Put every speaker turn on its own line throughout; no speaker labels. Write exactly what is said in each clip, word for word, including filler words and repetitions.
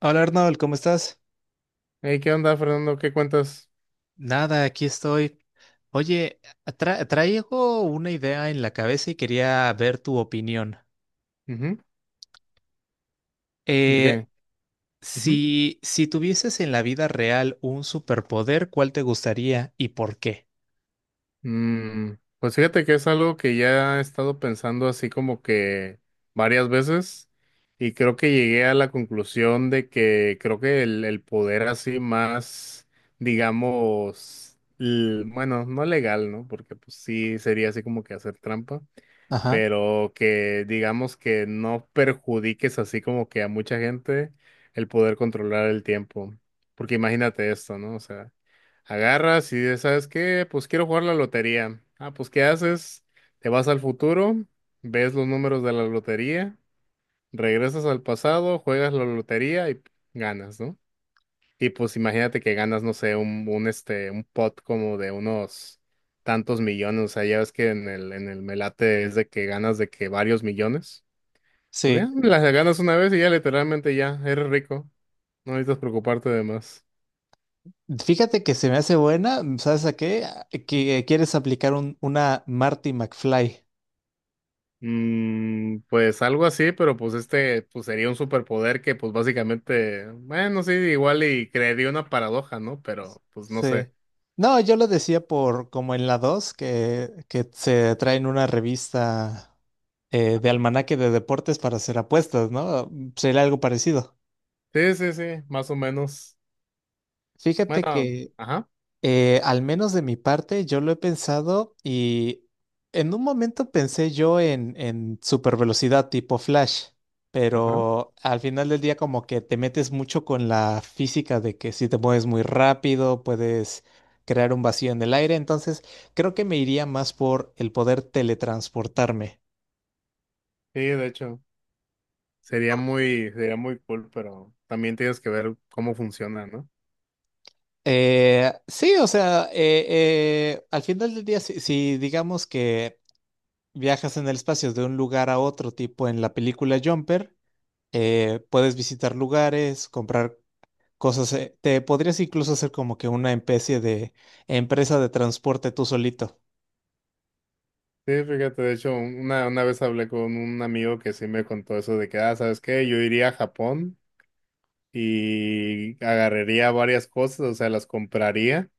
Hola Arnold, ¿cómo estás?
Hey, ¿qué onda, Fernando? ¿Qué cuentas?
Nada, aquí estoy. Oye, tra- traigo una idea en la cabeza y quería ver tu opinión.
Ujú. ¿De
Eh,
qué? Ujú.
si, si tuvieses en la vida real un superpoder, ¿cuál te gustaría y por qué?
Mm, pues fíjate que es algo que ya he estado pensando así como que varias veces, y creo que llegué a la conclusión de que creo que el, el poder así más, digamos, l- bueno, no legal, ¿no? Porque pues sí sería así como que hacer trampa.
Ajá,
Pero que digamos que no perjudiques así como que a mucha gente, el poder controlar el tiempo. Porque imagínate esto, ¿no? O sea, agarras y dices, ¿sabes qué? Pues quiero jugar la lotería. Ah, pues ¿qué haces? Te vas al futuro, ves los números de la lotería, regresas al pasado, juegas la lotería y ganas, ¿no? Y pues imagínate que ganas, no sé, un, un este, un pot como de unos tantos millones. O sea, ya ves que en el, en el Melate es de que ganas de que varios millones. Pues ya,
sí.
las ganas una vez y ya literalmente ya, eres rico. No necesitas preocuparte de más.
Fíjate que se me hace buena, ¿sabes a qué? A- Que quieres aplicar un- una Marty McFly.
Mm, pues algo así, pero pues este, pues sería un superpoder que pues básicamente, bueno, sí, igual y crearía una paradoja, ¿no? Pero pues no
Sí.
sé.
No, yo lo decía por como en la dos que, que se traen una revista eh, de almanaque de deportes para hacer apuestas, ¿no? Sería algo parecido.
Sí, sí, sí, más o menos.
Fíjate
Bueno,
que
ajá,
Eh, al menos de mi parte, yo lo he pensado y en un momento pensé yo en, en super velocidad tipo Flash,
ajá.
pero al final del día como que te metes mucho con la física de que si te mueves muy rápido puedes crear un vacío en el aire, entonces creo que me iría más por el poder teletransportarme.
Sí, de hecho. Sería muy, sería muy cool, pero también tienes que ver cómo funciona, ¿no?
Eh, sí, o sea, eh, eh, al final del día, si si digamos que viajas en el espacio de un lugar a otro tipo en la película Jumper, eh, puedes visitar lugares, comprar cosas. eh, Te podrías incluso hacer como que una especie de empresa de transporte tú solito.
Sí, fíjate, de hecho, una, una vez hablé con un amigo que sí me contó eso de que, ah, ¿sabes qué? Yo iría a Japón y agarraría varias cosas, o sea, las compraría,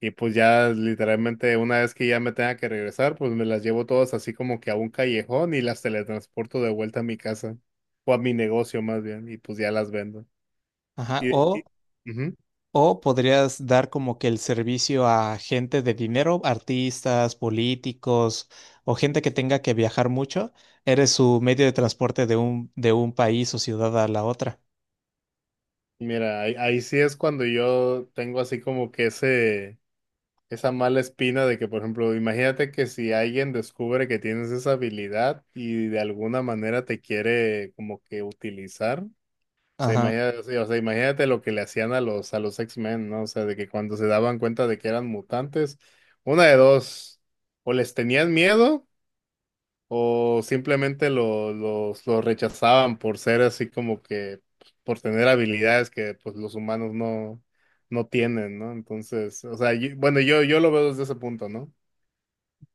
y pues ya literalmente una vez que ya me tenga que regresar, pues me las llevo todas así como que a un callejón y las teletransporto de vuelta a mi casa, o a mi negocio más bien, y pues ya las vendo.
Ajá.
Y,
O,
y, ujú.
o podrías dar como que el servicio a gente de dinero, artistas, políticos o gente que tenga que viajar mucho. Eres su medio de transporte de un, de un país o ciudad a la otra.
Mira, ahí, ahí sí es cuando yo tengo así como que ese, esa mala espina de que, por ejemplo, imagínate que si alguien descubre que tienes esa habilidad y de alguna manera te quiere como que utilizar. O sea,
Ajá.
imagínate, o sea, o sea, imagínate lo que le hacían a los, a los X-Men, ¿no? O sea, de que cuando se daban cuenta de que eran mutantes, una de dos, o les tenían miedo o simplemente lo- los, los rechazaban por ser así como que, pues, por tener habilidades que pues los humanos no, no tienen, ¿no? Entonces, o sea, yo- bueno, yo, yo lo veo desde ese punto, ¿no?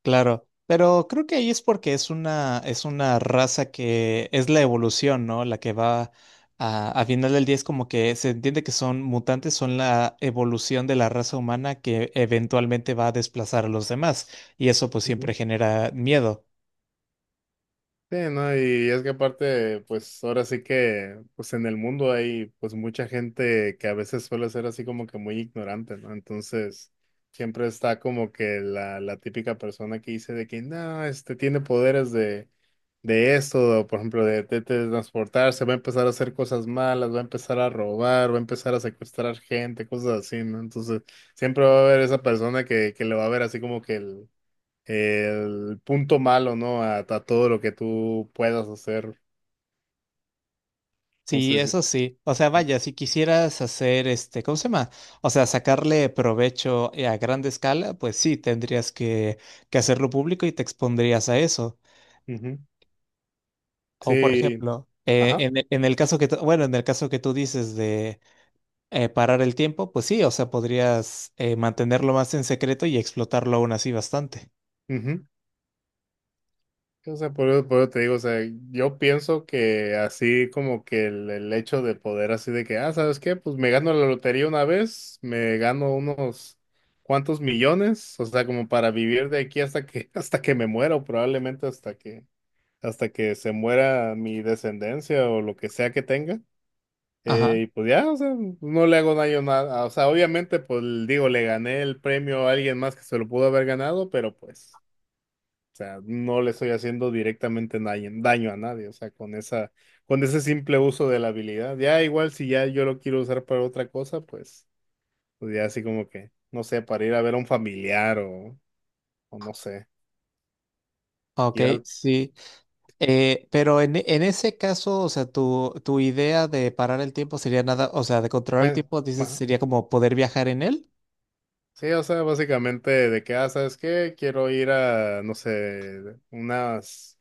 Claro, pero creo que ahí es porque es una, es una raza que es la evolución, ¿no? La que va a, a final del día es como que se entiende que son mutantes, son la evolución de la raza humana que eventualmente va a desplazar a los demás. Y eso pues siempre genera miedo.
Sí, ¿no? Y es que aparte, pues ahora sí que, pues en el mundo hay pues mucha gente que a veces suele ser así como que muy ignorante, ¿no? Entonces, siempre está como que la, la típica persona que dice de que, no, este tiene poderes de, de esto, o, por ejemplo, de, de transportarse, va a empezar a hacer cosas malas, va a empezar a robar, va a empezar a secuestrar gente, cosas así, ¿no? Entonces, siempre va a haber esa persona que, que le va a ver así como que el el punto malo, ¿no? A, a todo lo que tú puedas hacer.
Sí,
Entonces, yo-
eso sí. O sea, vaya, si quisieras hacer este, ¿cómo se llama? O sea, sacarle provecho eh, a grande escala, pues sí, tendrías que, que hacerlo público y te expondrías a eso.
ujú.
O por
Sí,
ejemplo, eh,
ajá.
en, e- en el caso que, tú- bueno, en el caso que tú dices de eh, parar el tiempo, pues sí, o sea, podrías eh, mantenerlo más en secreto y explotarlo aún así bastante.
Ujú. O sea, por eso, por eso te digo, o sea, yo pienso que así como que el, el hecho de poder así de que, ah, ¿sabes qué? Pues me gano la lotería una vez, me gano unos cuantos millones, o sea, como para vivir de aquí hasta que, hasta que me muera, o probablemente hasta que, hasta que se muera mi descendencia o lo que sea que tenga.
Ajá,
Eh, y pues ya, o sea, no le hago daño nada. O sea, obviamente, pues digo, le gané el premio a alguien más que se lo pudo haber ganado, pero pues, o sea, no le estoy haciendo directamente daño, daño a nadie. O sea, con esa, con ese simple uso de la habilidad. Ya igual si ya yo lo quiero usar para otra cosa, pues, pues ya así como que, no sé, para ir a ver a un familiar o, o no sé,
ok,
ir al,
sí. Eh, pero en, e- en ese caso, o sea, tu, tu idea de parar el tiempo sería nada, o sea, de controlar el
bueno,
tiempo, dices,
bueno,
sería como poder viajar en él.
sí, o sea, básicamente de que, ah, ¿sabes qué? Quiero ir a, no sé, unas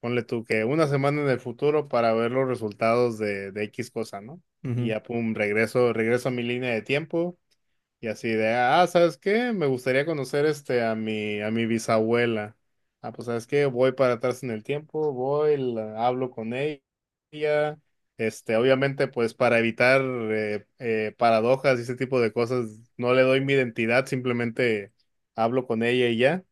Ponle tú que una semana en el futuro para ver los resultados de, de X cosa, ¿no? Y
Ujú,
ya, pum, regreso, regreso a mi línea de tiempo, y así de, ah, ¿sabes qué? Me gustaría conocer este a mi, a mi bisabuela. Ah, pues, ¿sabes qué? Voy para atrás en el tiempo, voy, la- hablo con ella. Este, obviamente, pues para evitar eh, eh, paradojas y ese tipo de cosas, no le doy mi identidad, simplemente hablo con ella y ya.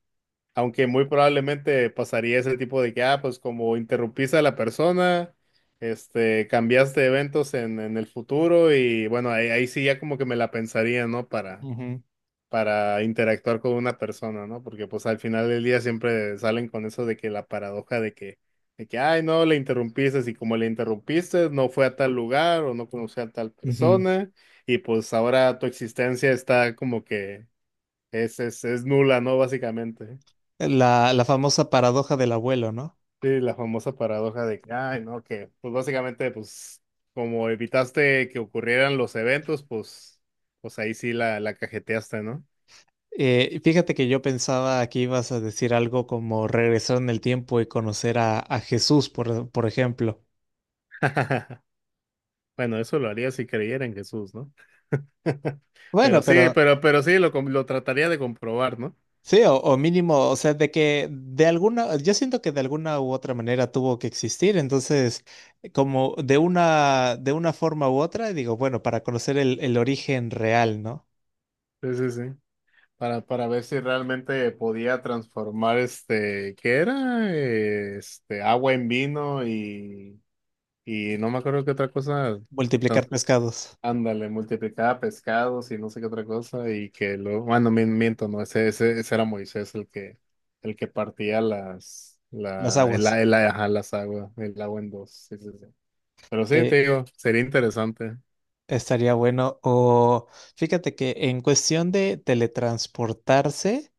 Aunque muy probablemente pasaría ese tipo de que, ah, pues como interrumpiste a la persona, este, cambiaste eventos en, en el futuro, y bueno, ahí, ahí sí ya como que me la pensaría, ¿no? Para,
ujú,
para interactuar con una persona, ¿no? Porque pues al final del día siempre salen con eso de que la paradoja de que, de que, ay, no, le interrumpiste, y como le interrumpiste, no fue a tal lugar o no conoció a tal
ujú.
persona, y pues ahora tu existencia está como que es, es, es nula, ¿no? Básicamente.
La, la famosa paradoja del abuelo, no.
Sí, la famosa paradoja de que, ay, no, que, pues básicamente, pues, como evitaste que ocurrieran los eventos, pues, pues ahí sí la, la cajeteaste, ¿no?
Eh, fíjate que yo pensaba que ibas a decir algo como regresar en el tiempo y conocer a, a Jesús, por, por ejemplo.
Bueno, eso lo haría si creyera en Jesús, ¿no? Pero
Bueno,
sí,
pero
pero, pero sí, lo, com- lo trataría de comprobar, ¿no?
sí, o, o mínimo, o sea, de que de alguna, yo siento que de alguna u otra manera tuvo que existir, entonces, como de una, de una forma u otra, digo, bueno, para conocer el, el origen real, ¿no?
Sí, sí, sí. Para, para ver si realmente podía transformar este, ¿qué era? Eh, Este, agua en vino y, y no me acuerdo qué otra cosa.
Multiplicar pescados,
Ándale, multiplicaba pescados y no sé qué otra cosa, y que luego, bueno, mi- miento, no, ese, ese, ese era Moisés el que, el que partía las,
las
la, el,
aguas.
el- ajá, las aguas, el agua en dos, sí, sí, sí. Pero sí,
Eh,
te digo, sería interesante.
estaría bueno. O fíjate que en cuestión de teletransportarse.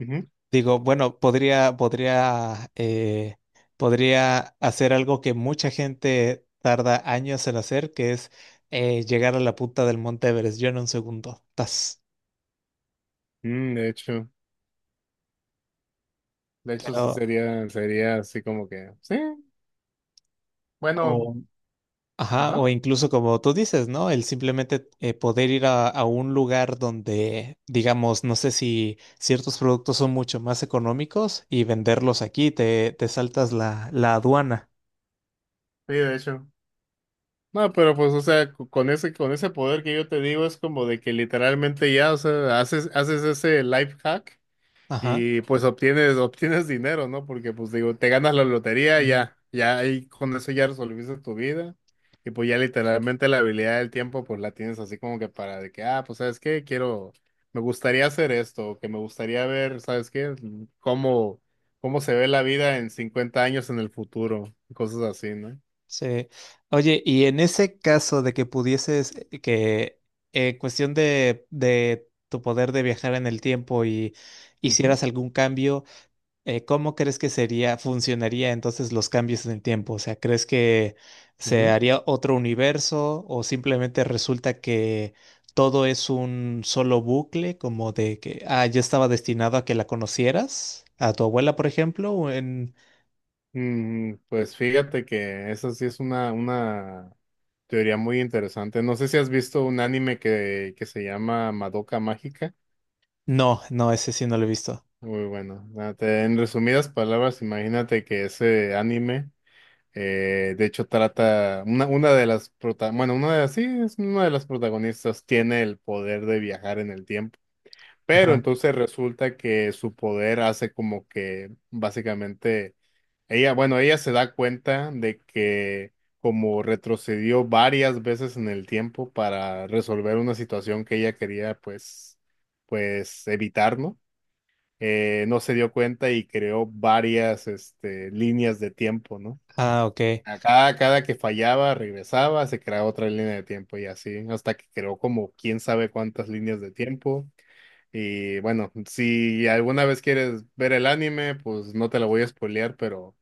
Ujú.
Digo, bueno, podría, podría, eh, podría hacer algo que mucha gente tarda años en hacer, que es eh, llegar a la punta del Monte Everest. Yo en un segundo. Tas.
Mm, de hecho, de hecho sí
Pero,
sería, sería así como que, sí, bueno,
o, ajá,
ajá,
o incluso como tú dices, ¿no? El simplemente eh, poder ir a, a un lugar donde, digamos, no sé si ciertos productos son mucho más económicos y venderlos aquí, te, te saltas la, la aduana.
sí, de hecho. No, pero pues, o sea, co- con ese, con ese poder que yo te digo, es como de que literalmente ya, o sea, haces, haces ese life hack.
Ajá.
Y pues obtienes, obtienes dinero, ¿no? Porque pues digo, te ganas la lotería, ya, ya ahí con eso ya resolviste tu vida. Y pues ya literalmente la habilidad del tiempo pues la tienes así como que para de que, ah, pues sabes qué, quiero, me gustaría hacer esto, o que me gustaría ver, ¿sabes qué? Cómo, cómo se ve la vida en cincuenta años en el futuro, y cosas así, no.
Sí. Oye, y en ese caso de que pudieses, eh, que en cuestión de, de tu poder de viajar en el tiempo y
Ujú,
hicieras algún cambio, eh, ¿cómo crees que sería, funcionaría entonces los cambios en el tiempo? O sea, ¿crees que se
ujú.
haría otro universo o simplemente resulta que todo es un solo bucle, como de que, ah, yo estaba destinado a que la conocieras, a tu abuela, por ejemplo, o en...
Mm, pues fíjate que esa sí es una, una teoría muy interesante. No sé si has visto un anime que, que se llama Madoka Mágica.
No, no, ese sí no lo he visto.
Muy bueno. Ah, te- en resumidas palabras, imagínate que ese anime, eh, de hecho, trata una, una de las prota- bueno, una de las, sí, es una de las protagonistas tiene el poder de viajar en el tiempo. Pero
Ajá.
entonces resulta que su poder hace como que básicamente ella, bueno, ella se da cuenta de que como retrocedió varias veces en el tiempo para resolver una situación que ella quería pues pues evitar, ¿no? Eh, no se dio cuenta y creó varias este líneas de tiempo, ¿no?
Ah, ok.
Acá, cada que fallaba, regresaba, se creaba otra línea de tiempo y así, hasta que creó como quién sabe cuántas líneas de tiempo. Y bueno, si alguna vez quieres ver el anime, pues no te lo voy a spoilear, pero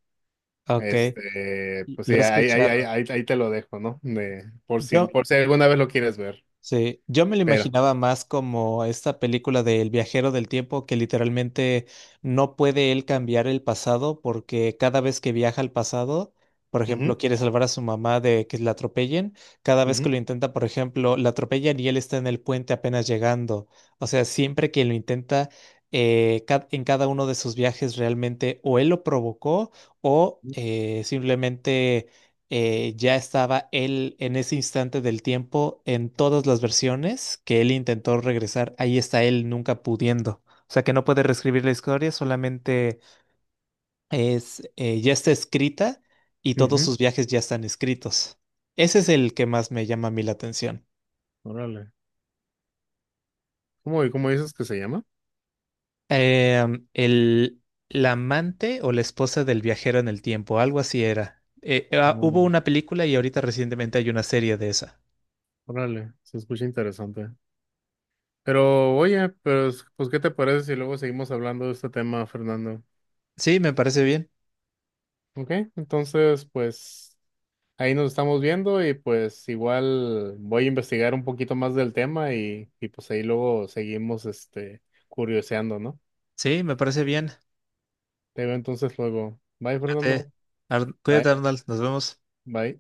Ok,
este, pues
lo he
sí, ahí, ahí, ahí,
escuchado.
ahí, ahí te lo dejo, ¿no? De, por
Yo,
si, por si alguna vez lo quieres ver.
sí, yo me lo
Pero.
imaginaba más como esta película de El viajero del tiempo que literalmente no puede él cambiar el pasado porque cada vez que viaja al pasado, por ejemplo,
Ujú,
quiere salvar a su mamá de que la atropellen, cada vez que
ujú,
lo intenta, por ejemplo, la atropellan y él está en el puente apenas llegando. O sea, siempre que lo intenta, eh, ca- en cada uno de sus viajes realmente o él lo provocó o eh, simplemente eh, ya estaba él en ese instante del tiempo en todas las versiones que él intentó regresar. Ahí está él nunca pudiendo. O sea que no puede reescribir la historia, solamente es, eh, ya está escrita y todos
ujú.
sus viajes ya están escritos. Ese es el que más me llama a mí la atención.
Órale. ¿Cómo, cómo dices que se llama?
Em, el, la amante o la esposa del viajero en el tiempo, algo así era. Eh, ah, hubo
Órale.
una película y ahorita recientemente hay una serie de esa.
Órale. Se escucha interesante. Pero oye, pues, pues ¿qué te parece si luego seguimos hablando de este tema, Fernando?
Sí, me parece bien.
Ok, entonces pues ahí nos estamos viendo y pues igual voy a investigar un poquito más del tema, y, y pues ahí luego seguimos este curioseando, ¿no?
Sí, me parece bien.
Te veo entonces luego. Bye,
Cuídate,
Fernando.
Ar- cuídate,
Bye,
Arnold. Nos vemos.
bye.